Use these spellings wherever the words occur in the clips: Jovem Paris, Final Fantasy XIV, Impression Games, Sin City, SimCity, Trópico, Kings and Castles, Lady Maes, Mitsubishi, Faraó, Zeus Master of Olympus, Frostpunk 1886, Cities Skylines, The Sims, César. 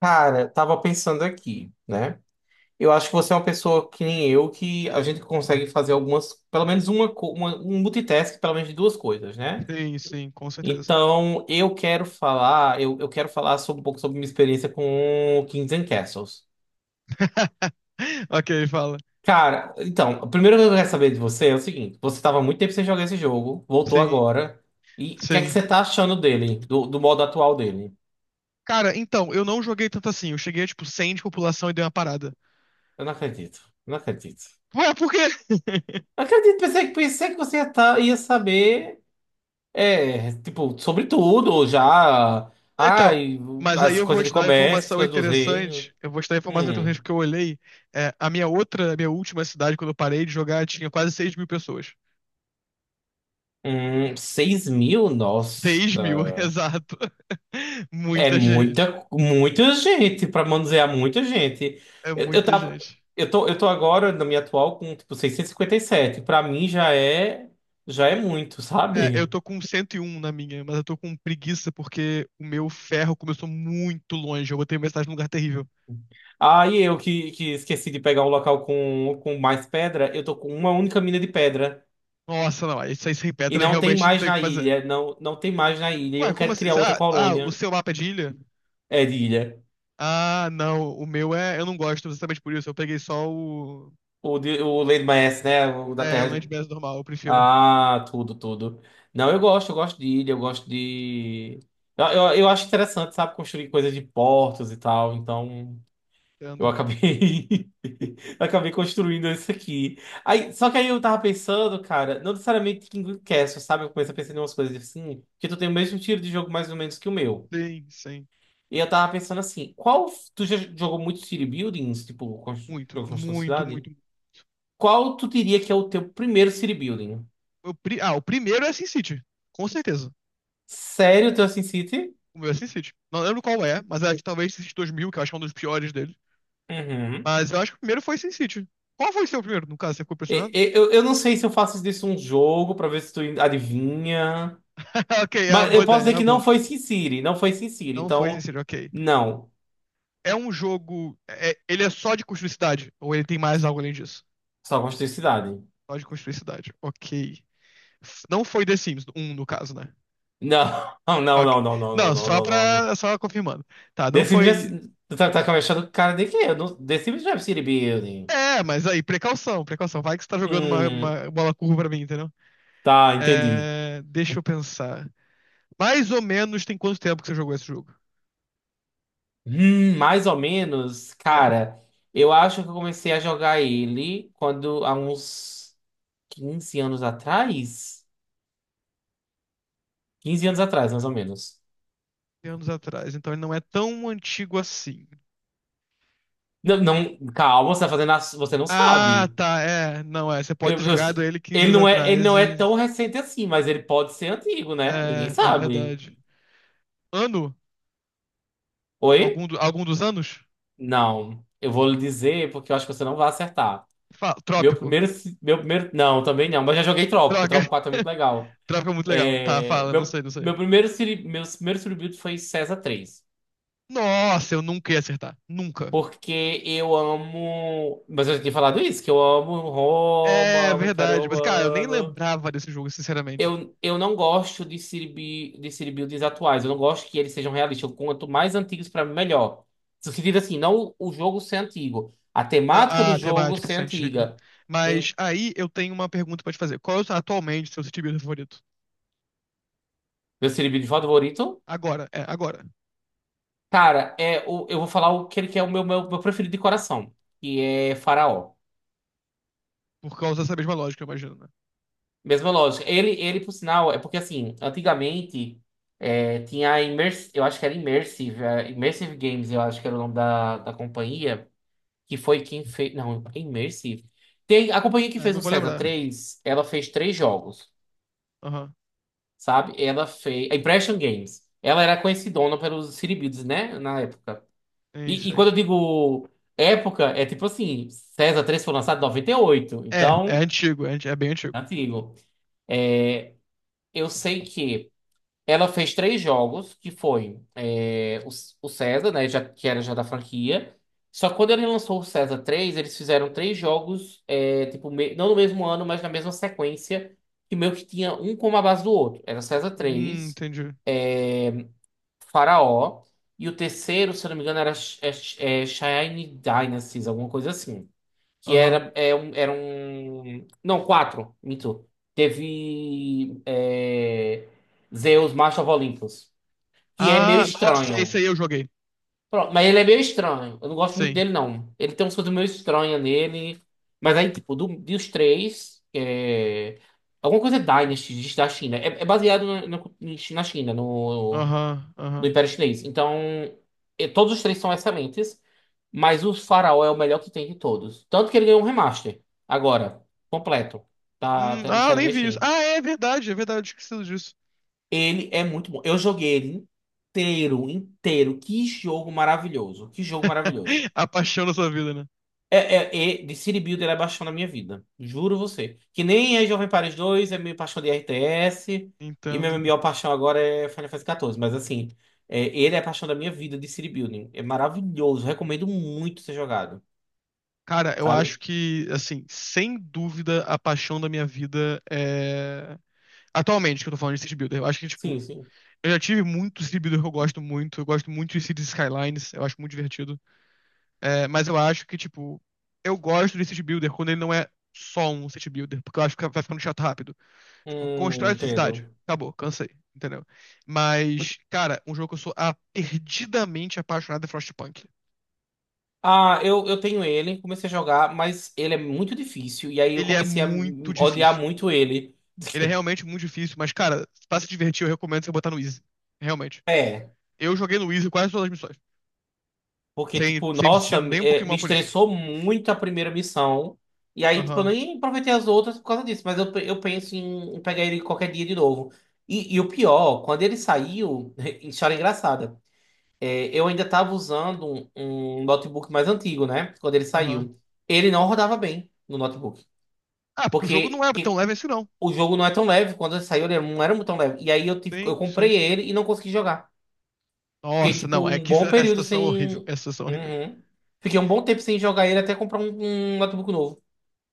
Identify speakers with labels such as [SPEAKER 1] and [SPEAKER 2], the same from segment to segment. [SPEAKER 1] Cara, tava pensando aqui, né? Eu acho que você é uma pessoa que nem eu, que a gente consegue fazer algumas, pelo menos uma, um multitask, pelo menos de duas coisas, né?
[SPEAKER 2] Sim, sim, com certeza.
[SPEAKER 1] Então, eu quero falar sobre, um pouco sobre minha experiência com Kings and Castles.
[SPEAKER 2] Ok, fala.
[SPEAKER 1] Cara, então, a primeira coisa que eu quero saber de você é o seguinte: você tava há muito tempo sem jogar esse jogo, voltou
[SPEAKER 2] Sim,
[SPEAKER 1] agora, e o que é que
[SPEAKER 2] sim.
[SPEAKER 1] você tá achando dele, do modo atual dele?
[SPEAKER 2] Cara, então, eu não joguei tanto assim. Eu cheguei a, tipo, 100 de população e dei uma parada.
[SPEAKER 1] Eu não acredito, não acredito.
[SPEAKER 2] Ué, por quê?
[SPEAKER 1] Não acredito, pensei, pensei que você ia, tá, ia saber. É, tipo, sobretudo já.
[SPEAKER 2] Não, então,
[SPEAKER 1] Ai,
[SPEAKER 2] mas aí
[SPEAKER 1] as
[SPEAKER 2] eu vou
[SPEAKER 1] coisas de
[SPEAKER 2] te dar uma
[SPEAKER 1] comércio, as
[SPEAKER 2] informação
[SPEAKER 1] coisas dos reinos.
[SPEAKER 2] interessante. Eu vou te dar a informação interessante
[SPEAKER 1] Hum,
[SPEAKER 2] porque eu olhei. É, a minha outra, a minha última cidade, quando eu parei de jogar, tinha quase 6.000 pessoas.
[SPEAKER 1] 6 mil? Nossa.
[SPEAKER 2] 6.000, exato.
[SPEAKER 1] É
[SPEAKER 2] Muita gente.
[SPEAKER 1] muita, muita gente, pra manusear muita gente.
[SPEAKER 2] É
[SPEAKER 1] Eu
[SPEAKER 2] muita
[SPEAKER 1] tava.
[SPEAKER 2] gente.
[SPEAKER 1] Eu tô agora, na minha atual, com, tipo, 657. Pra mim já é. Já é muito,
[SPEAKER 2] É, eu
[SPEAKER 1] sabe?
[SPEAKER 2] tô com 101 na minha, mas eu tô com preguiça porque o meu ferro começou muito longe. Eu botei metade num lugar terrível.
[SPEAKER 1] Ah, e eu que esqueci de pegar um local com mais pedra, eu tô com uma única mina de pedra.
[SPEAKER 2] Nossa, não, isso aí sem
[SPEAKER 1] E
[SPEAKER 2] pedra
[SPEAKER 1] não tem
[SPEAKER 2] realmente não
[SPEAKER 1] mais
[SPEAKER 2] tem o
[SPEAKER 1] na
[SPEAKER 2] que fazer.
[SPEAKER 1] ilha. Não, não tem mais na ilha. E eu
[SPEAKER 2] Ué,
[SPEAKER 1] não
[SPEAKER 2] como
[SPEAKER 1] quero
[SPEAKER 2] assim?
[SPEAKER 1] criar outra
[SPEAKER 2] Ah, o
[SPEAKER 1] colônia.
[SPEAKER 2] seu mapa é de ilha?
[SPEAKER 1] É de ilha.
[SPEAKER 2] Ah, não, o meu é. Eu não gosto exatamente por isso. Eu peguei só o.
[SPEAKER 1] O Lady Maes, né? O da
[SPEAKER 2] É, Land
[SPEAKER 1] Terra.
[SPEAKER 2] Mass normal, eu prefiro.
[SPEAKER 1] Ah, tudo, tudo. Não, eu gosto de ilha, eu gosto de. Eu acho interessante, sabe? Construir coisas de portos e tal. Então, eu
[SPEAKER 2] Entendo.
[SPEAKER 1] acabei. acabei construindo isso aqui. Aí, só que aí eu tava pensando, cara, não necessariamente King Castle, sabe? Eu comecei a pensar em umas coisas assim, que tu tem o mesmo tiro de jogo mais ou menos que o meu.
[SPEAKER 2] Sim, sim.
[SPEAKER 1] E eu tava pensando assim, qual. Tu já jogou muito city buildings, tipo,
[SPEAKER 2] Muito,
[SPEAKER 1] jogo de construção de
[SPEAKER 2] muito,
[SPEAKER 1] cidade?
[SPEAKER 2] muito.
[SPEAKER 1] Qual tu diria que é o teu primeiro city building?
[SPEAKER 2] Ah, o primeiro é SimCity, com certeza.
[SPEAKER 1] Sério, o teu SimCity?
[SPEAKER 2] O meu é SimCity. Não lembro qual é, mas é talvez SimCity 2000, que eu acho que é um dos piores deles.
[SPEAKER 1] Uhum.
[SPEAKER 2] Mas eu acho que o primeiro foi Sin City. Qual foi o seu primeiro, no caso? Você ficou
[SPEAKER 1] E-
[SPEAKER 2] impressionado?
[SPEAKER 1] e- Eu, eu não sei se eu faço disso um jogo pra ver se tu adivinha.
[SPEAKER 2] Ok, é uma
[SPEAKER 1] Mas
[SPEAKER 2] boa
[SPEAKER 1] eu posso
[SPEAKER 2] ideia, é
[SPEAKER 1] dizer
[SPEAKER 2] uma
[SPEAKER 1] que não
[SPEAKER 2] boa.
[SPEAKER 1] foi SimCity, não foi SimCity.
[SPEAKER 2] Não foi Sin
[SPEAKER 1] Então,
[SPEAKER 2] City, ok.
[SPEAKER 1] não.
[SPEAKER 2] É um jogo. Ele é só de construir cidade? Ou ele tem mais algo além disso?
[SPEAKER 1] Só construir cidade.
[SPEAKER 2] Só de construir cidade, ok. Não foi The Sims um no caso, né?
[SPEAKER 1] Não, não, não,
[SPEAKER 2] Ok.
[SPEAKER 1] não, não, não,
[SPEAKER 2] Não,
[SPEAKER 1] não,
[SPEAKER 2] só
[SPEAKER 1] não, não, não.
[SPEAKER 2] pra. Só confirmando. Tá, não
[SPEAKER 1] The Sims já.
[SPEAKER 2] foi.
[SPEAKER 1] Tu tá com a cara de quê? Eu não- The Sims já é city building.
[SPEAKER 2] É, mas aí, precaução, precaução. Vai que você tá jogando uma,
[SPEAKER 1] Hum.
[SPEAKER 2] uma bola curva pra mim, entendeu?
[SPEAKER 1] Tá, entendi.
[SPEAKER 2] É, deixa eu pensar. Mais ou menos tem quanto tempo que você jogou esse jogo?
[SPEAKER 1] Mais ou menos,
[SPEAKER 2] É.
[SPEAKER 1] cara, eu acho que eu comecei a jogar ele quando há uns 15 anos atrás. 15 anos atrás, mais ou menos.
[SPEAKER 2] Anos atrás, então ele não é tão antigo assim.
[SPEAKER 1] Não, não, calma, você tá fazendo, você não
[SPEAKER 2] Ah,
[SPEAKER 1] sabe.
[SPEAKER 2] tá, é. Não, é. Você pode ter
[SPEAKER 1] Eu- eu-
[SPEAKER 2] jogado ele 15
[SPEAKER 1] ele
[SPEAKER 2] anos
[SPEAKER 1] não é, ele
[SPEAKER 2] atrás
[SPEAKER 1] não é
[SPEAKER 2] e.
[SPEAKER 1] tão recente assim, mas ele pode ser antigo, né? Ninguém
[SPEAKER 2] É, é
[SPEAKER 1] sabe.
[SPEAKER 2] verdade. Ano?
[SPEAKER 1] Oi?
[SPEAKER 2] Algum dos anos?
[SPEAKER 1] Não. Eu vou lhe dizer porque eu acho que você não vai acertar. Meu
[SPEAKER 2] Trópico.
[SPEAKER 1] primeiro, meu primeiro, não, também não, mas já joguei Trópico.
[SPEAKER 2] Droga.
[SPEAKER 1] Trópico 4 é muito legal.
[SPEAKER 2] Trópico é muito legal. Tá,
[SPEAKER 1] É,
[SPEAKER 2] fala, não sei, não sei.
[SPEAKER 1] meu primeiro Sirius foi César 3.
[SPEAKER 2] Nossa, eu nunca ia acertar. Nunca.
[SPEAKER 1] Porque eu amo. Mas eu já tinha falado isso, que eu amo
[SPEAKER 2] É
[SPEAKER 1] Roma, amo o Império
[SPEAKER 2] verdade. Mas, cara, eu nem
[SPEAKER 1] Romano.
[SPEAKER 2] lembrava desse jogo, sinceramente.
[SPEAKER 1] Eu não gosto de de Siribuilds atuais. Eu não gosto que eles sejam realistas. Quanto mais antigos, pra mim, melhor. No sentido assim, não o jogo ser antigo. A temática
[SPEAKER 2] A,
[SPEAKER 1] do
[SPEAKER 2] a
[SPEAKER 1] jogo
[SPEAKER 2] temática
[SPEAKER 1] ser
[SPEAKER 2] assim, antiga.
[SPEAKER 1] antiga. Hum,
[SPEAKER 2] Mas aí eu tenho uma pergunta pra te fazer. Atualmente, seu Steve favorito?
[SPEAKER 1] Meu Siribuild favorito?
[SPEAKER 2] Agora, é, agora.
[SPEAKER 1] Cara, eu vou falar o que ele que é o meu preferido de coração. Que é Faraó.
[SPEAKER 2] Por causa dessa mesma lógica, eu imagino, né?
[SPEAKER 1] Mesma lógica. Ele, por sinal, é porque assim, antigamente tinha a Immers, eu acho que era Immersive, Immersive Games, eu acho que era o nome da companhia, que foi quem fez. Não, é Immersive. Tem, a companhia que
[SPEAKER 2] É,
[SPEAKER 1] fez
[SPEAKER 2] não
[SPEAKER 1] o
[SPEAKER 2] vou
[SPEAKER 1] César
[SPEAKER 2] lembrar.
[SPEAKER 1] 3 ela fez 3 jogos,
[SPEAKER 2] Aham.
[SPEAKER 1] sabe? Ela fez. A Impression Games. Ela era conhecidona pelos Siribids, né? Na época.
[SPEAKER 2] É
[SPEAKER 1] E,
[SPEAKER 2] isso
[SPEAKER 1] e
[SPEAKER 2] aí.
[SPEAKER 1] quando eu digo época, é tipo assim, César 3 foi lançado em 98
[SPEAKER 2] É, é
[SPEAKER 1] então,
[SPEAKER 2] antigo, é, anti- é bem antigo.
[SPEAKER 1] antigo. Eu sei que. Ela fez três jogos, que foi o César, né, já, que era já da franquia. Só que quando ele lançou o César 3 eles fizeram 3 jogos, tipo, não no mesmo ano, mas na mesma sequência, que meio que tinha um como a base do outro. Era César 3,
[SPEAKER 2] Entendi.
[SPEAKER 1] é, Faraó, e o terceiro, se eu não me engano, era Shine Dynasties, alguma coisa assim que
[SPEAKER 2] Aham.
[SPEAKER 1] era, era um. Não, 4, minto. Teve Zeus, Master of Olympus, que é meio
[SPEAKER 2] Ah, nossa, esse
[SPEAKER 1] estranho.
[SPEAKER 2] aí eu joguei.
[SPEAKER 1] Pronto, mas ele é meio estranho. Eu não gosto muito
[SPEAKER 2] Sim.
[SPEAKER 1] dele, não. Ele tem umas coisas meio estranhas nele. Mas aí, tipo, dos 3, alguma coisa é Dynasty da China. É baseado na China, no,
[SPEAKER 2] Aham,
[SPEAKER 1] do
[SPEAKER 2] aham.
[SPEAKER 1] Império Chinês. Então, todos os 3 são excelentes, mas o Faraó é o melhor que tem de todos. Tanto que ele ganhou um remaster agora, completo. Tá até
[SPEAKER 2] Ah, eu
[SPEAKER 1] saindo
[SPEAKER 2] nem
[SPEAKER 1] na
[SPEAKER 2] vi isso.
[SPEAKER 1] Steam.
[SPEAKER 2] Ah, é verdade, eu esqueci disso.
[SPEAKER 1] Ele é muito bom. Eu joguei ele inteiro, inteiro. Que jogo maravilhoso. Que jogo maravilhoso.
[SPEAKER 2] A paixão da sua vida, né?
[SPEAKER 1] É, é, de City Builder é paixão da minha vida. Juro você. Que nem é Jovem Paris 2 é minha paixão de RTS. E minha
[SPEAKER 2] Entendo.
[SPEAKER 1] maior paixão agora é Final Fantasy XIV. Mas assim, ele é a paixão da minha vida de City Building. É maravilhoso. Recomendo muito ser jogado.
[SPEAKER 2] Cara, eu
[SPEAKER 1] Sabe?
[SPEAKER 2] acho que, assim, sem dúvida, a paixão da minha vida é. Atualmente, que eu tô falando de City Builder, eu acho que, tipo,
[SPEAKER 1] Sim, sim.
[SPEAKER 2] eu já tive muito City Builder que eu gosto muito. Eu gosto muito de Cities Skylines, eu acho muito divertido. É, mas eu acho que, tipo, eu gosto de city builder quando ele não é só um city builder, porque eu acho que vai ficando chato rápido. Tipo,
[SPEAKER 1] Hum,
[SPEAKER 2] constrói sua cidade.
[SPEAKER 1] entendo.
[SPEAKER 2] Acabou, cansei, entendeu? Mas, cara, um jogo que eu sou perdidamente apaixonado é Frostpunk.
[SPEAKER 1] Ah, eu tenho ele, comecei a jogar, mas ele é muito difícil. E aí eu
[SPEAKER 2] Ele é
[SPEAKER 1] comecei a
[SPEAKER 2] muito
[SPEAKER 1] odiar
[SPEAKER 2] difícil.
[SPEAKER 1] muito ele.
[SPEAKER 2] Ele é realmente muito difícil, mas, cara, pra se divertir, eu recomendo você botar no Easy. Realmente.
[SPEAKER 1] É.
[SPEAKER 2] Eu joguei no Easy quase todas as missões.
[SPEAKER 1] Porque,
[SPEAKER 2] Sem,
[SPEAKER 1] tipo,
[SPEAKER 2] sem me sentir
[SPEAKER 1] nossa,
[SPEAKER 2] nem um pouquinho
[SPEAKER 1] me
[SPEAKER 2] mal por isso.
[SPEAKER 1] estressou muito a primeira missão. E aí, tipo, eu
[SPEAKER 2] Aham,
[SPEAKER 1] nem aproveitei as outras por causa disso. Mas eu penso em, pegar ele qualquer dia de novo. E o pior, quando ele saiu, história engraçada. Eu ainda tava usando um notebook mais antigo, né? Quando ele
[SPEAKER 2] aham.
[SPEAKER 1] saiu. Ele não rodava bem no notebook.
[SPEAKER 2] Ah, porque o jogo não
[SPEAKER 1] Porque
[SPEAKER 2] é tão leve assim, não.
[SPEAKER 1] o jogo não é tão leve. Quando ele saiu, ele não era tão leve. E aí eu
[SPEAKER 2] Sim,
[SPEAKER 1] comprei
[SPEAKER 2] sim.
[SPEAKER 1] ele e não consegui jogar. Fiquei,
[SPEAKER 2] Nossa,
[SPEAKER 1] tipo,
[SPEAKER 2] não, é
[SPEAKER 1] um
[SPEAKER 2] que essa
[SPEAKER 1] bom
[SPEAKER 2] essa
[SPEAKER 1] período
[SPEAKER 2] situação é horrível,
[SPEAKER 1] sem.
[SPEAKER 2] essa situação é horrível.
[SPEAKER 1] Uhum. Fiquei um bom tempo sem jogar ele até comprar um notebook novo.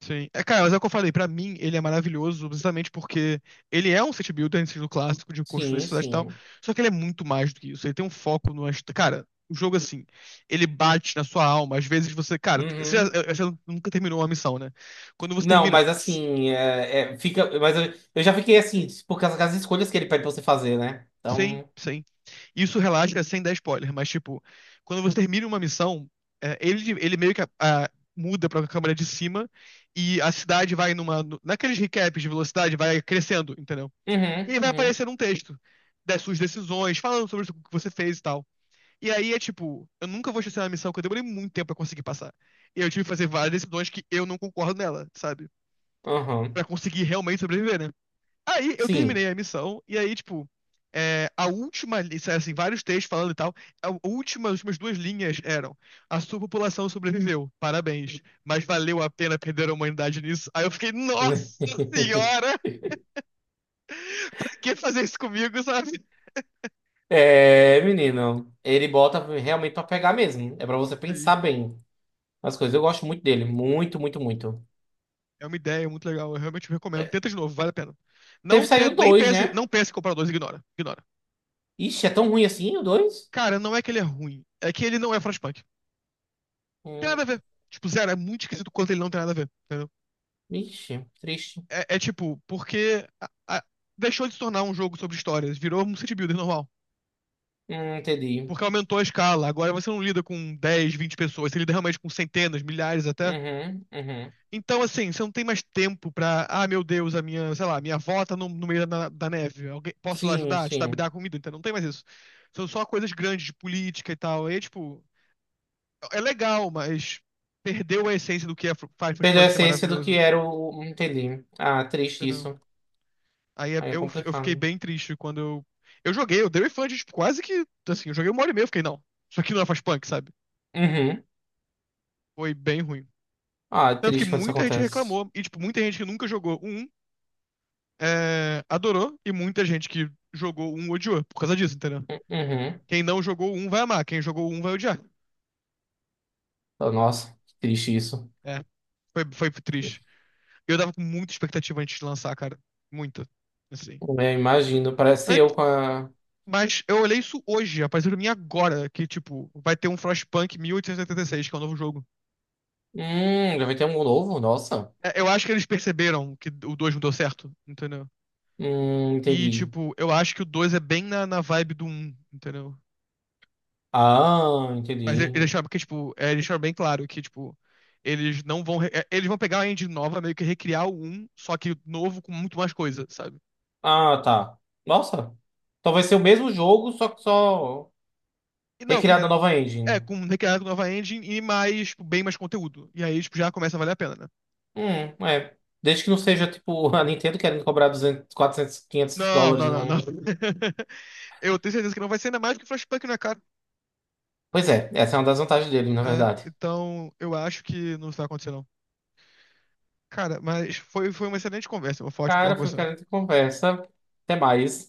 [SPEAKER 2] Sim. É, cara, mas é o que eu falei, pra mim ele é maravilhoso precisamente porque ele é um city builder no estilo clássico de construir
[SPEAKER 1] Sim,
[SPEAKER 2] cidade e tal,
[SPEAKER 1] sim.
[SPEAKER 2] só que ele é muito mais do que isso, ele tem um foco no... Cara, o jogo assim, ele bate na sua alma, às vezes você, cara, você,
[SPEAKER 1] Uhum.
[SPEAKER 2] você nunca terminou uma missão, né? Quando você
[SPEAKER 1] Não,
[SPEAKER 2] termina,
[SPEAKER 1] mas assim, fica. Mas eu já fiquei assim, por causa das escolhas que ele pede pra você fazer, né?
[SPEAKER 2] sim,
[SPEAKER 1] Então.
[SPEAKER 2] sim. Isso relaxa sem dar spoiler, mas tipo, quando você termina uma missão, é, ele meio que muda pra câmera de cima e a cidade vai numa. No- Naqueles recaps de velocidade, vai crescendo, entendeu? E
[SPEAKER 1] Uhum,
[SPEAKER 2] aí vai
[SPEAKER 1] uhum,
[SPEAKER 2] aparecer um texto das suas decisões, falando sobre o que você fez e tal. E aí é tipo, eu nunca vou esquecer uma missão que eu demorei muito tempo pra conseguir passar. E eu tive que fazer várias decisões que eu não concordo nela, sabe? Pra
[SPEAKER 1] uhum.
[SPEAKER 2] conseguir realmente sobreviver, né? Aí eu
[SPEAKER 1] Sim.
[SPEAKER 2] terminei a missão, e aí, tipo, é, assim, vários textos falando e tal, a última, as últimas duas linhas eram: a sua população sobreviveu, parabéns, mas valeu a pena perder a humanidade nisso. Aí eu fiquei, nossa senhora, pra que fazer isso comigo, sabe?
[SPEAKER 1] É, menino. Ele bota realmente pra pegar mesmo. É pra você
[SPEAKER 2] E
[SPEAKER 1] pensar bem as coisas. Eu gosto muito dele. Muito, muito, muito.
[SPEAKER 2] É uma ideia muito legal, eu realmente recomendo.
[SPEAKER 1] É,
[SPEAKER 2] Tenta de novo, vale a pena.
[SPEAKER 1] Teve
[SPEAKER 2] Não tenta,
[SPEAKER 1] saiu
[SPEAKER 2] nem
[SPEAKER 1] 2
[SPEAKER 2] pense,
[SPEAKER 1] né?
[SPEAKER 2] não pense em comprar o dois, ignora, ignora.
[SPEAKER 1] Ixi, é tão ruim assim o 2.
[SPEAKER 2] Cara, não é que ele é ruim, é que ele não é Frostpunk. Tem
[SPEAKER 1] Hum.
[SPEAKER 2] nada a ver. Tipo, zero, é muito esquisito quanto ele não tem nada a ver, entendeu?
[SPEAKER 1] Ixi, triste.
[SPEAKER 2] É, é tipo, porque a- deixou de se tornar um jogo sobre histórias, virou um city builder normal.
[SPEAKER 1] Entendi.
[SPEAKER 2] Porque aumentou a escala. Agora você não lida com 10, 20 pessoas, você lida realmente com centenas, milhares até.
[SPEAKER 1] Uhum, uhum.
[SPEAKER 2] Então, assim, você não tem mais tempo pra. Ah, meu Deus, a minha, sei lá, minha avó tá no meio da neve. Alguém, posso lá
[SPEAKER 1] Sim,
[SPEAKER 2] ajudar? Te dar, me
[SPEAKER 1] sim.
[SPEAKER 2] dar comida? Então, não tem mais isso. São só coisas grandes de política e tal. E, tipo, é legal, mas perdeu a essência do que é Firefly
[SPEAKER 1] Perdeu a
[SPEAKER 2] Punk ser
[SPEAKER 1] essência do que
[SPEAKER 2] maravilhoso.
[SPEAKER 1] era o. Entendi. Ah, triste
[SPEAKER 2] Entendeu?
[SPEAKER 1] isso.
[SPEAKER 2] Aí
[SPEAKER 1] Aí é
[SPEAKER 2] eu fiquei
[SPEAKER 1] complicado.
[SPEAKER 2] bem triste quando eu. Eu joguei, eu dei o refund, tipo, quase que. Assim, eu joguei uma hora e meia, eu fiquei, não. Isso aqui não é Frostpunk, sabe?
[SPEAKER 1] Uhum.
[SPEAKER 2] Foi bem ruim.
[SPEAKER 1] Ah, é
[SPEAKER 2] Tanto que
[SPEAKER 1] triste quando isso
[SPEAKER 2] muita gente
[SPEAKER 1] acontece.
[SPEAKER 2] reclamou, e, tipo, muita gente que nunca jogou um adorou, e muita gente que jogou um odiou, por causa disso, entendeu?
[SPEAKER 1] Uhum.
[SPEAKER 2] Quem não jogou um vai amar, quem jogou um vai odiar.
[SPEAKER 1] Oh, nossa, que triste isso.
[SPEAKER 2] É, foi triste. Eu dava com muita expectativa antes de lançar, cara. Muita. Assim.
[SPEAKER 1] Eu imagino. Parece
[SPEAKER 2] Aí,
[SPEAKER 1] eu com a.
[SPEAKER 2] mas eu olhei isso hoje, apareceu pra mim agora, que, tipo, vai ter um Frostpunk 1886, que é o novo jogo.
[SPEAKER 1] Já vai ter um novo? Nossa.
[SPEAKER 2] É, eu acho que eles perceberam que o 2 não deu certo, entendeu?
[SPEAKER 1] Hum,
[SPEAKER 2] E,
[SPEAKER 1] entendi.
[SPEAKER 2] tipo, eu acho que o 2 é bem na vibe do um, entendeu?
[SPEAKER 1] Ah,
[SPEAKER 2] Mas eles
[SPEAKER 1] entendi.
[SPEAKER 2] deixaram, porque, tipo, é, eles deixaram bem claro que, tipo, eles não vão. Eles vão pegar a engine nova, meio que recriar o um, só que novo com muito mais coisa, sabe?
[SPEAKER 1] Ah, tá. Nossa. Então vai ser o mesmo jogo, só que só
[SPEAKER 2] E não, com.
[SPEAKER 1] recriado na nova
[SPEAKER 2] É,
[SPEAKER 1] engine.
[SPEAKER 2] com recriar com nova engine e mais, tipo, bem mais conteúdo. E aí, tipo, já começa a valer a pena, né?
[SPEAKER 1] É. Desde que não seja tipo a Nintendo querendo cobrar 200 400 500
[SPEAKER 2] Não,
[SPEAKER 1] dólares
[SPEAKER 2] não,
[SPEAKER 1] e
[SPEAKER 2] não, não.
[SPEAKER 1] não.
[SPEAKER 2] Eu tenho certeza que não vai ser ainda mais porque Flashpunk não é caro.
[SPEAKER 1] Pois é, essa é uma das vantagens dele, na
[SPEAKER 2] É,
[SPEAKER 1] verdade.
[SPEAKER 2] então, eu acho que não vai acontecer, não. Cara, mas foi uma excelente conversa. Foi ótimo falar
[SPEAKER 1] Cara,
[SPEAKER 2] com
[SPEAKER 1] foi
[SPEAKER 2] você.
[SPEAKER 1] querendo conversa. Até mais.